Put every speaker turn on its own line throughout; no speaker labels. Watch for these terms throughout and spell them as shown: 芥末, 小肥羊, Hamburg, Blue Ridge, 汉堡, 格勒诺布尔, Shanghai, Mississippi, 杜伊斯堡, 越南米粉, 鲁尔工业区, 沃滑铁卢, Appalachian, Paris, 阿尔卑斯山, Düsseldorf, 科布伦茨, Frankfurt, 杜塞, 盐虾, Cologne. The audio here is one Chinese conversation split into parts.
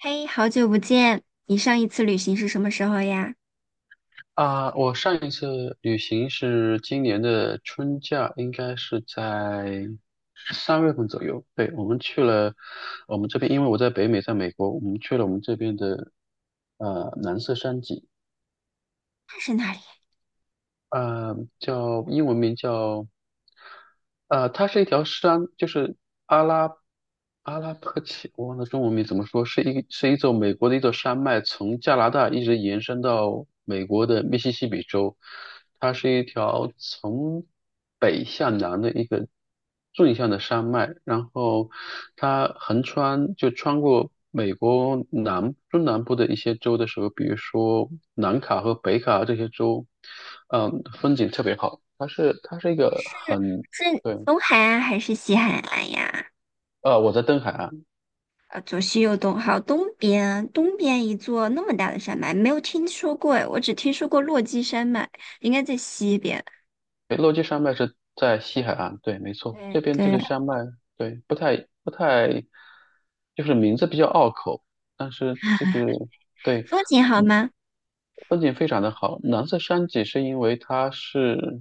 嘿，好久不见！你上一次旅行是什么时候呀？
啊，我上一次旅行是今年的春假，应该是在3月份左右。对，我们去了我们这边，因为我在北美，在美国，我们去了我们这边的蓝色山脊，
那是哪里？
叫英文名叫它是一条山，就是阿拉阿拉伯奇，我忘了中文名怎么说，是美国的一座山脉，从加拿大一直延伸到美国的密西西比州。它是一条从北向南的一个纵向的山脉，然后它横穿就穿过美国中南部的一些州的时候，比如说南卡和北卡这些州，风景特别好。它是一个
是
很。
是
对。
东海岸还是西海岸呀？
我在东海岸。
左西右东，好，东边，东边一座那么大的山脉，没有听说过诶，我只听说过落基山脉，应该在西边。
对，落基山脉是在西海岸，对，没错，这
对
边这
对，
个山脉。对，不太，就是名字比较拗口，但是这个。对，
风景好吗？
风景非常的好。蓝色山脊是因为它是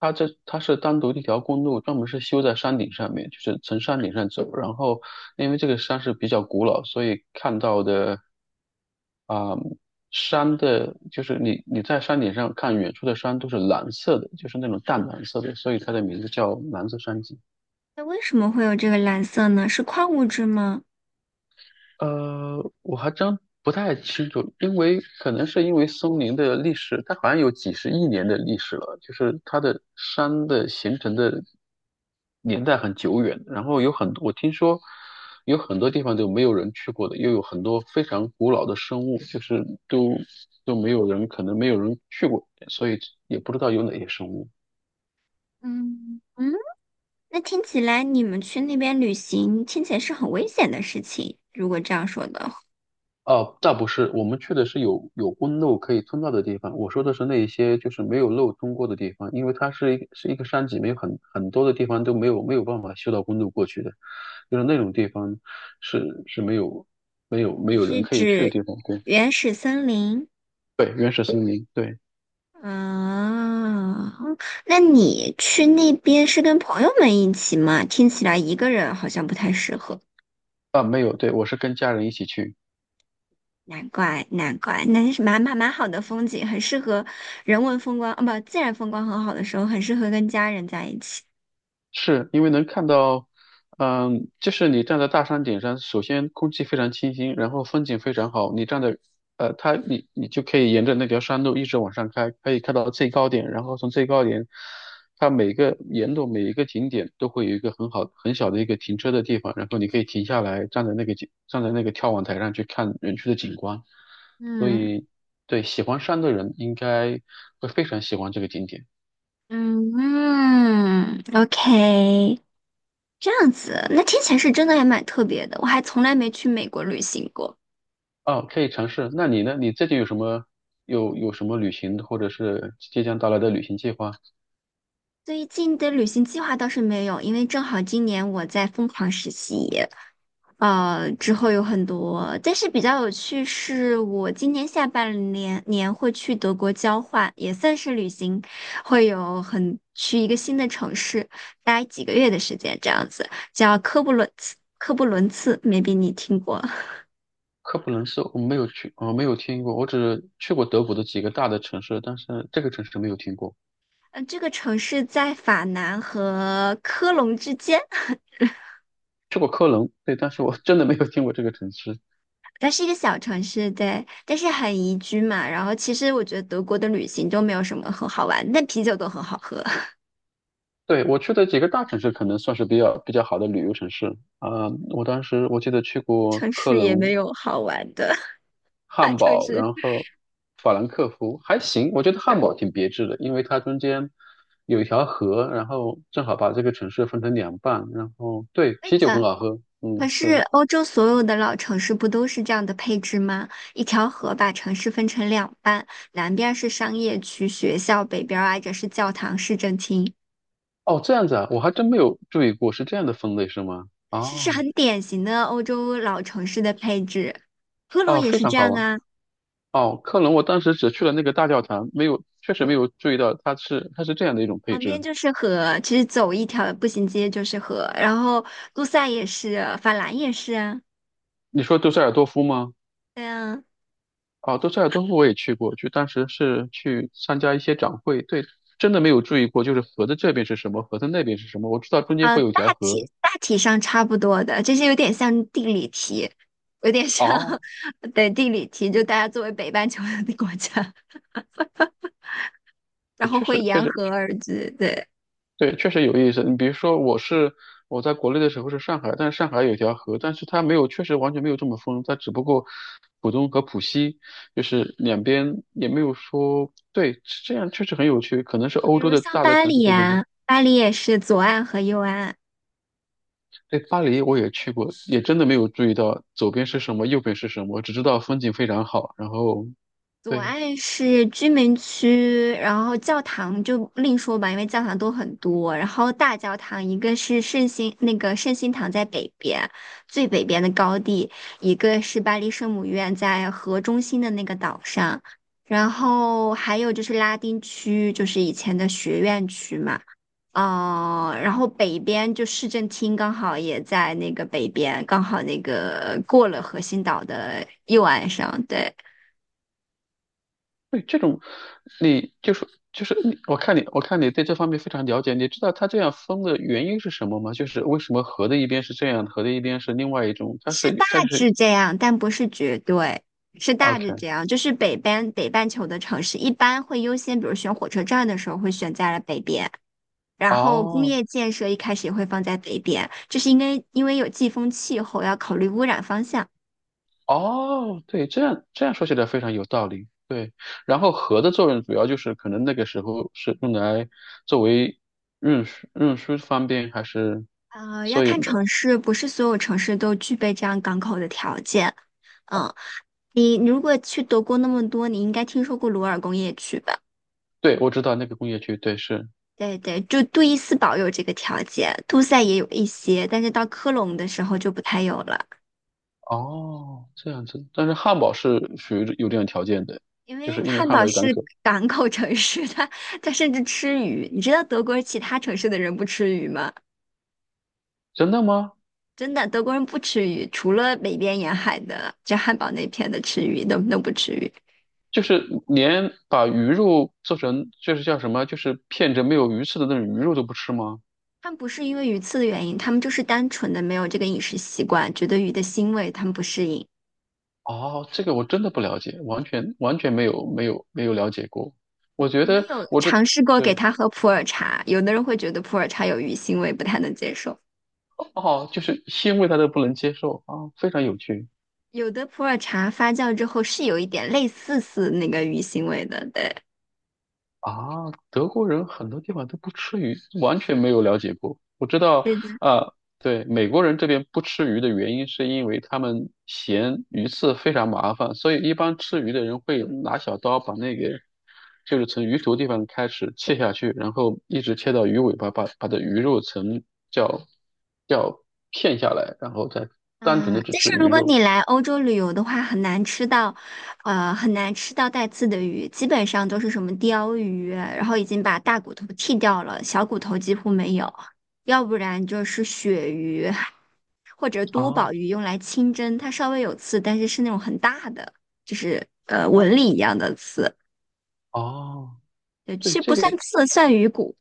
它这它是单独的一条公路，专门是修在山顶上面，就是从山顶上走。然后因为这个山是比较古老，所以看到的啊、山的，就是你在山顶上看远处的山都是蓝色的，就是那种淡蓝色的，所以它的名字叫蓝色山脊。
那为什么会有这个蓝色呢？是矿物质吗？
我还真不太清楚，因为可能是因为松林的历史，它好像有几十亿年的历史了，就是它的山的形成的年代很久远，然后有很多，我听说有很多地方都没有人去过的，又有很多非常古老的生物，就是都没有人，可能没有人去过，所以也不知道有哪些生物。
嗯嗯，那听起来你们去那边旅行，听起来是很危险的事情。如果这样说的话。
哦，倒不是，我们去的是有公路可以通到的地方。我说的是那一些就是没有路通过的地方，因为它是一个山脊，没有很多的地方都没有办法修到公路过去的，就是那种地方是没有没有没
你
有
是
人可以去的
指
地方。对
原始森林
对，原始森林，对
啊？那你去那边是跟朋友们一起吗？听起来一个人好像不太适合。
啊，没有，对我是跟家人一起去。
难怪，难怪，那是蛮好的风景，很适合人文风光，啊，不，自然风光很好的时候，很适合跟家人在一起。
是因为能看到，就是你站在大山顶上，首先空气非常清新，然后风景非常好。你站在，你就可以沿着那条山路一直往上开，可以看到最高点，然后从最高点，它每个沿路每一个景点都会有一个很好很小的一个停车的地方，然后你可以停下来，站在那个眺望台上去看园区的景观。所
嗯
以，对喜欢山的人应该会非常喜欢这个景点。
嗯嗯，OK,这样子，那听起来是真的还蛮特别的，我还从来没去美国旅行过。
哦，可以尝试。那你呢？你最近有什么旅行，或者是即将到来的旅行计划？
最近的旅行计划倒是没有，因为正好今年我在疯狂实习，之后有很多。但是比较有趣是，我今年下半年年会去德国交换，也算是旅行，会有很去一个新的城市待几个月的时间，这样子叫科布伦茨。科布伦茨，maybe 你听过？
科普伦斯我没有去，我没有听过，我只去过德国的几个大的城市，但是这个城市没有听过。
嗯，这个城市在法南和科隆之间。
去过科隆，对，但是我 真的没有听过这个城市。
它是一个小城市，对，但是很宜居嘛。然后其实我觉得德国的旅行都没有什么很好玩，但啤酒都很好喝，
对，我去的几个大城市可能算是比较好的旅游城市啊，我当时我记得去过
城
科
市也没
隆，
有好玩的 大
汉
城
堡，
市。
然后法兰克福还行，我觉得汉堡挺别致的，因为它中间有一条河，然后正好把这个城市分成两半，然后对，
非
啤酒很
常。
好喝，
可
嗯，
是
是，
欧洲所有的老城市不都是这样的配置吗？一条河把城市分成两半，南边儿是商业区、学校，北边儿挨着是教堂、市政厅，
哦，这样子啊，我还真没有注意过是这样的分类是吗？
是
哦，
很典型的欧洲老城市的配置。科隆
哦，
也
非
是
常
这
好
样
玩，
啊。
哦，科隆我当时只去了那个大教堂，没有，确实没有注意到它是这样的一种配
旁边
置。
就是河，其实走一条步行街就是河，然后路赛也是，法兰也是啊，
你说杜塞尔多夫吗？
对啊，
啊，都塞尔多夫我也去过，就当时是去参加一些展会，对，真的没有注意过，就是河的这边是什么，河的那边是什么，我知道中间
啊，
会有
大
条
体
河
大体上差不多的，这些有点像地理题，有点像
啊，
对地理题，就大家作为北半球的国家，然
对
后
确
会
实确
沿
实
河而居，对，
对，确实有意思。你比如说，我在国内的时候是上海，但是上海有条河，但是它没有，确实完全没有这么疯，它只不过浦东和浦西就是两边也没有说，对，这样确实很有趣，可能是
比
欧洲
如
的
像
大的
巴
城市，
黎
对对对。
啊，巴黎也是左岸和右岸啊。
对，巴黎我也去过，也真的没有注意到左边是什么，右边是什么，只知道风景非常好。然后，
左
对
岸是居民区，然后教堂就另说吧，因为教堂都很多。然后大教堂一个是圣心那个圣心堂在北边，最北边的高地，一个是巴黎圣母院在河中心的那个岛上，然后还有就是拉丁区，就是以前的学院区嘛。哦，然后北边就市政厅刚好也在那个北边，刚好那个过了核心岛的右岸上，对。
对，这种你就是你我看你对这方面非常了解，你知道它这样分的原因是什么吗？就是为什么河的一边是这样，河的一边是另外一种？它
是大
是它就是
致这样，但不是绝对，是大致
OK。
这样。就是北边北半球的城市一般会优先，比如选火车站的时候会选在了北边，然后工
哦。
业建设一开始也会放在北边，这是因为有季风气候，要考虑污染方向。
哦，对，这样说起来非常有道理。对，然后核的作用主要就是可能那个时候是用来作为运输方便，还是
要
所以
看
没，
城市，不是所有城市都具备这样港口的条件。嗯，你如果去德国那么多，你应该听说过鲁尔工业区吧？
对，我知道那个工业区，对，是
对对，就杜伊斯堡有这个条件，杜塞也有一些，但是到科隆的时候就不太有了，
哦，这样子。但是汉堡是属于有这样条件的，
因
就是
为
因为
汉
汉
堡
堡有港
是
口。
港口城市，它甚至吃鱼。你知道德国其他城市的人不吃鱼吗？
真的吗？
真的，德国人不吃鱼，除了北边沿海的，就汉堡那片的吃鱼，都不吃鱼。
就是连把鱼肉做成就是叫什么，就是片着没有鱼刺的那种鱼肉都不吃吗？
他们不是因为鱼刺的原因，他们就是单纯的没有这个饮食习惯，觉得鱼的腥味他们不适应。
哦，这个我真的不了解，完全没有了解过。我觉
我们
得
有
我这。
尝试过给
对，
他喝普洱茶，有的人会觉得普洱茶有鱼腥味，不太能接受。
哦，就是腥味他都不能接受啊，非常有趣。
有的普洱茶发酵之后是有一点类似那个鱼腥味的，对。
啊，德国人很多地方都不吃鱼，完全没有了解过。我知道，
是的，
啊，对，美国人这边不吃鱼的原因是因为他们嫌鱼刺非常麻烦，所以一般吃鱼的人会拿小刀把那个，就是从鱼头地方开始切下去，然后一直切到鱼尾巴，把的鱼肉层叫叫片下来，然后再单纯的
嗯，
只
但是
吃鱼
如果
肉。
你来欧洲旅游的话，很难吃到，很难吃到带刺的鱼，基本上都是什么鲷鱼啊，然后已经把大骨头剔掉了，小骨头几乎没有，要不然就是鳕鱼或者多
啊，
宝鱼用来清蒸，它稍微有刺，但是是那种很大的，纹理一样的刺，
哦，
对，
对，
其实
这
不算
个。
刺，算鱼骨。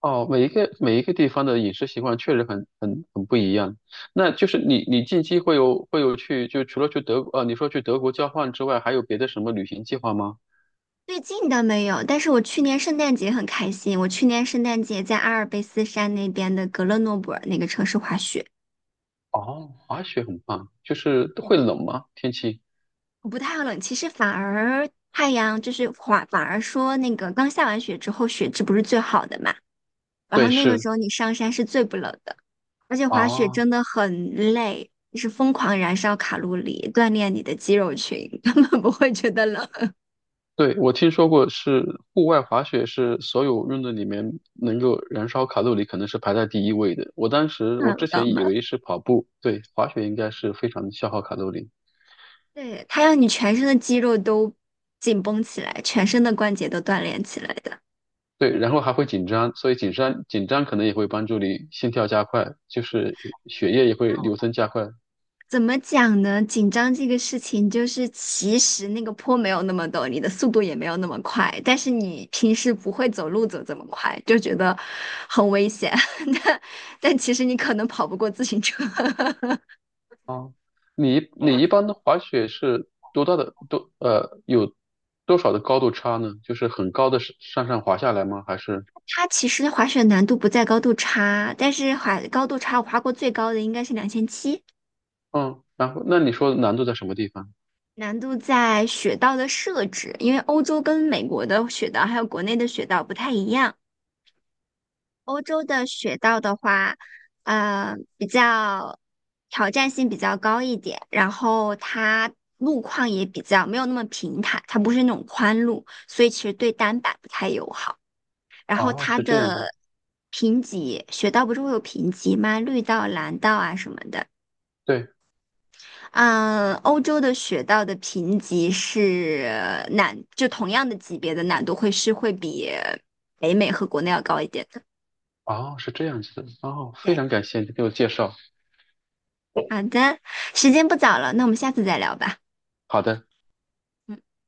哦，每一个地方的饮食习惯确实很不一样。那就是你近期会有去就除了你说去德国交换之外，还有别的什么旅行计划吗？
最近倒没有，但是我去年圣诞节很开心。我去年圣诞节在阿尔卑斯山那边的格勒诺布尔那个城市滑雪，
哦，滑雪很棒，就是
嗯，
会冷吗？天气？
我不太冷，其实反而太阳就是滑，反而说那个刚下完雪之后，雪质不是最好的嘛，然后
对，
那个
是
时候你上山是最不冷的，而且滑雪
啊，
真的很累，就是疯狂燃烧卡路里，锻炼你的肌肉群，根本不会觉得冷，
对，我听说过是户外滑雪是所有运动里面能够燃烧卡路里可能是排在第一位的。我当时我
看不
之
到
前
吗？
以为是跑步，对，滑雪应该是非常消耗卡路里。
对，它让你全身的肌肉都紧绷起来，全身的关节都锻炼起来的。
对，然后还会紧张，所以紧张可能也会帮助你心跳加快，就是血液也会流通加快。
怎么讲呢？紧张这个事情，就是其实那个坡没有那么陡，你的速度也没有那么快，但是你平时不会走路走这么快，就觉得很危险。但但其实你可能跑不过自行车。
哦，你一般的滑雪是多大的有多少的高度差呢？就是很高的上上上滑下来吗？还是
它其实滑雪难度不在高度差，但是滑高度差，我滑过最高的应该是2700，
嗯，然后那你说难度在什么地方？
难度在雪道的设置，因为欧洲跟美国的雪道还有国内的雪道不太一样。欧洲的雪道的话，比较挑战性比较高一点，然后它路况也比较没有那么平坦，它不是那种宽路，所以其实对单板不太友好。然后
哦，
它
是这样的，
的评级，雪道不是会有评级吗？绿道、蓝道啊什么的。
对，
嗯，欧洲的雪道的评级是难，就同样的级别的难度会是会比北美和国内要高一点的。
哦，是这样子的，哦，非
对，
常感谢你给我介绍，
好的，时间不早了，那我们下次再聊吧。
好的。
嗯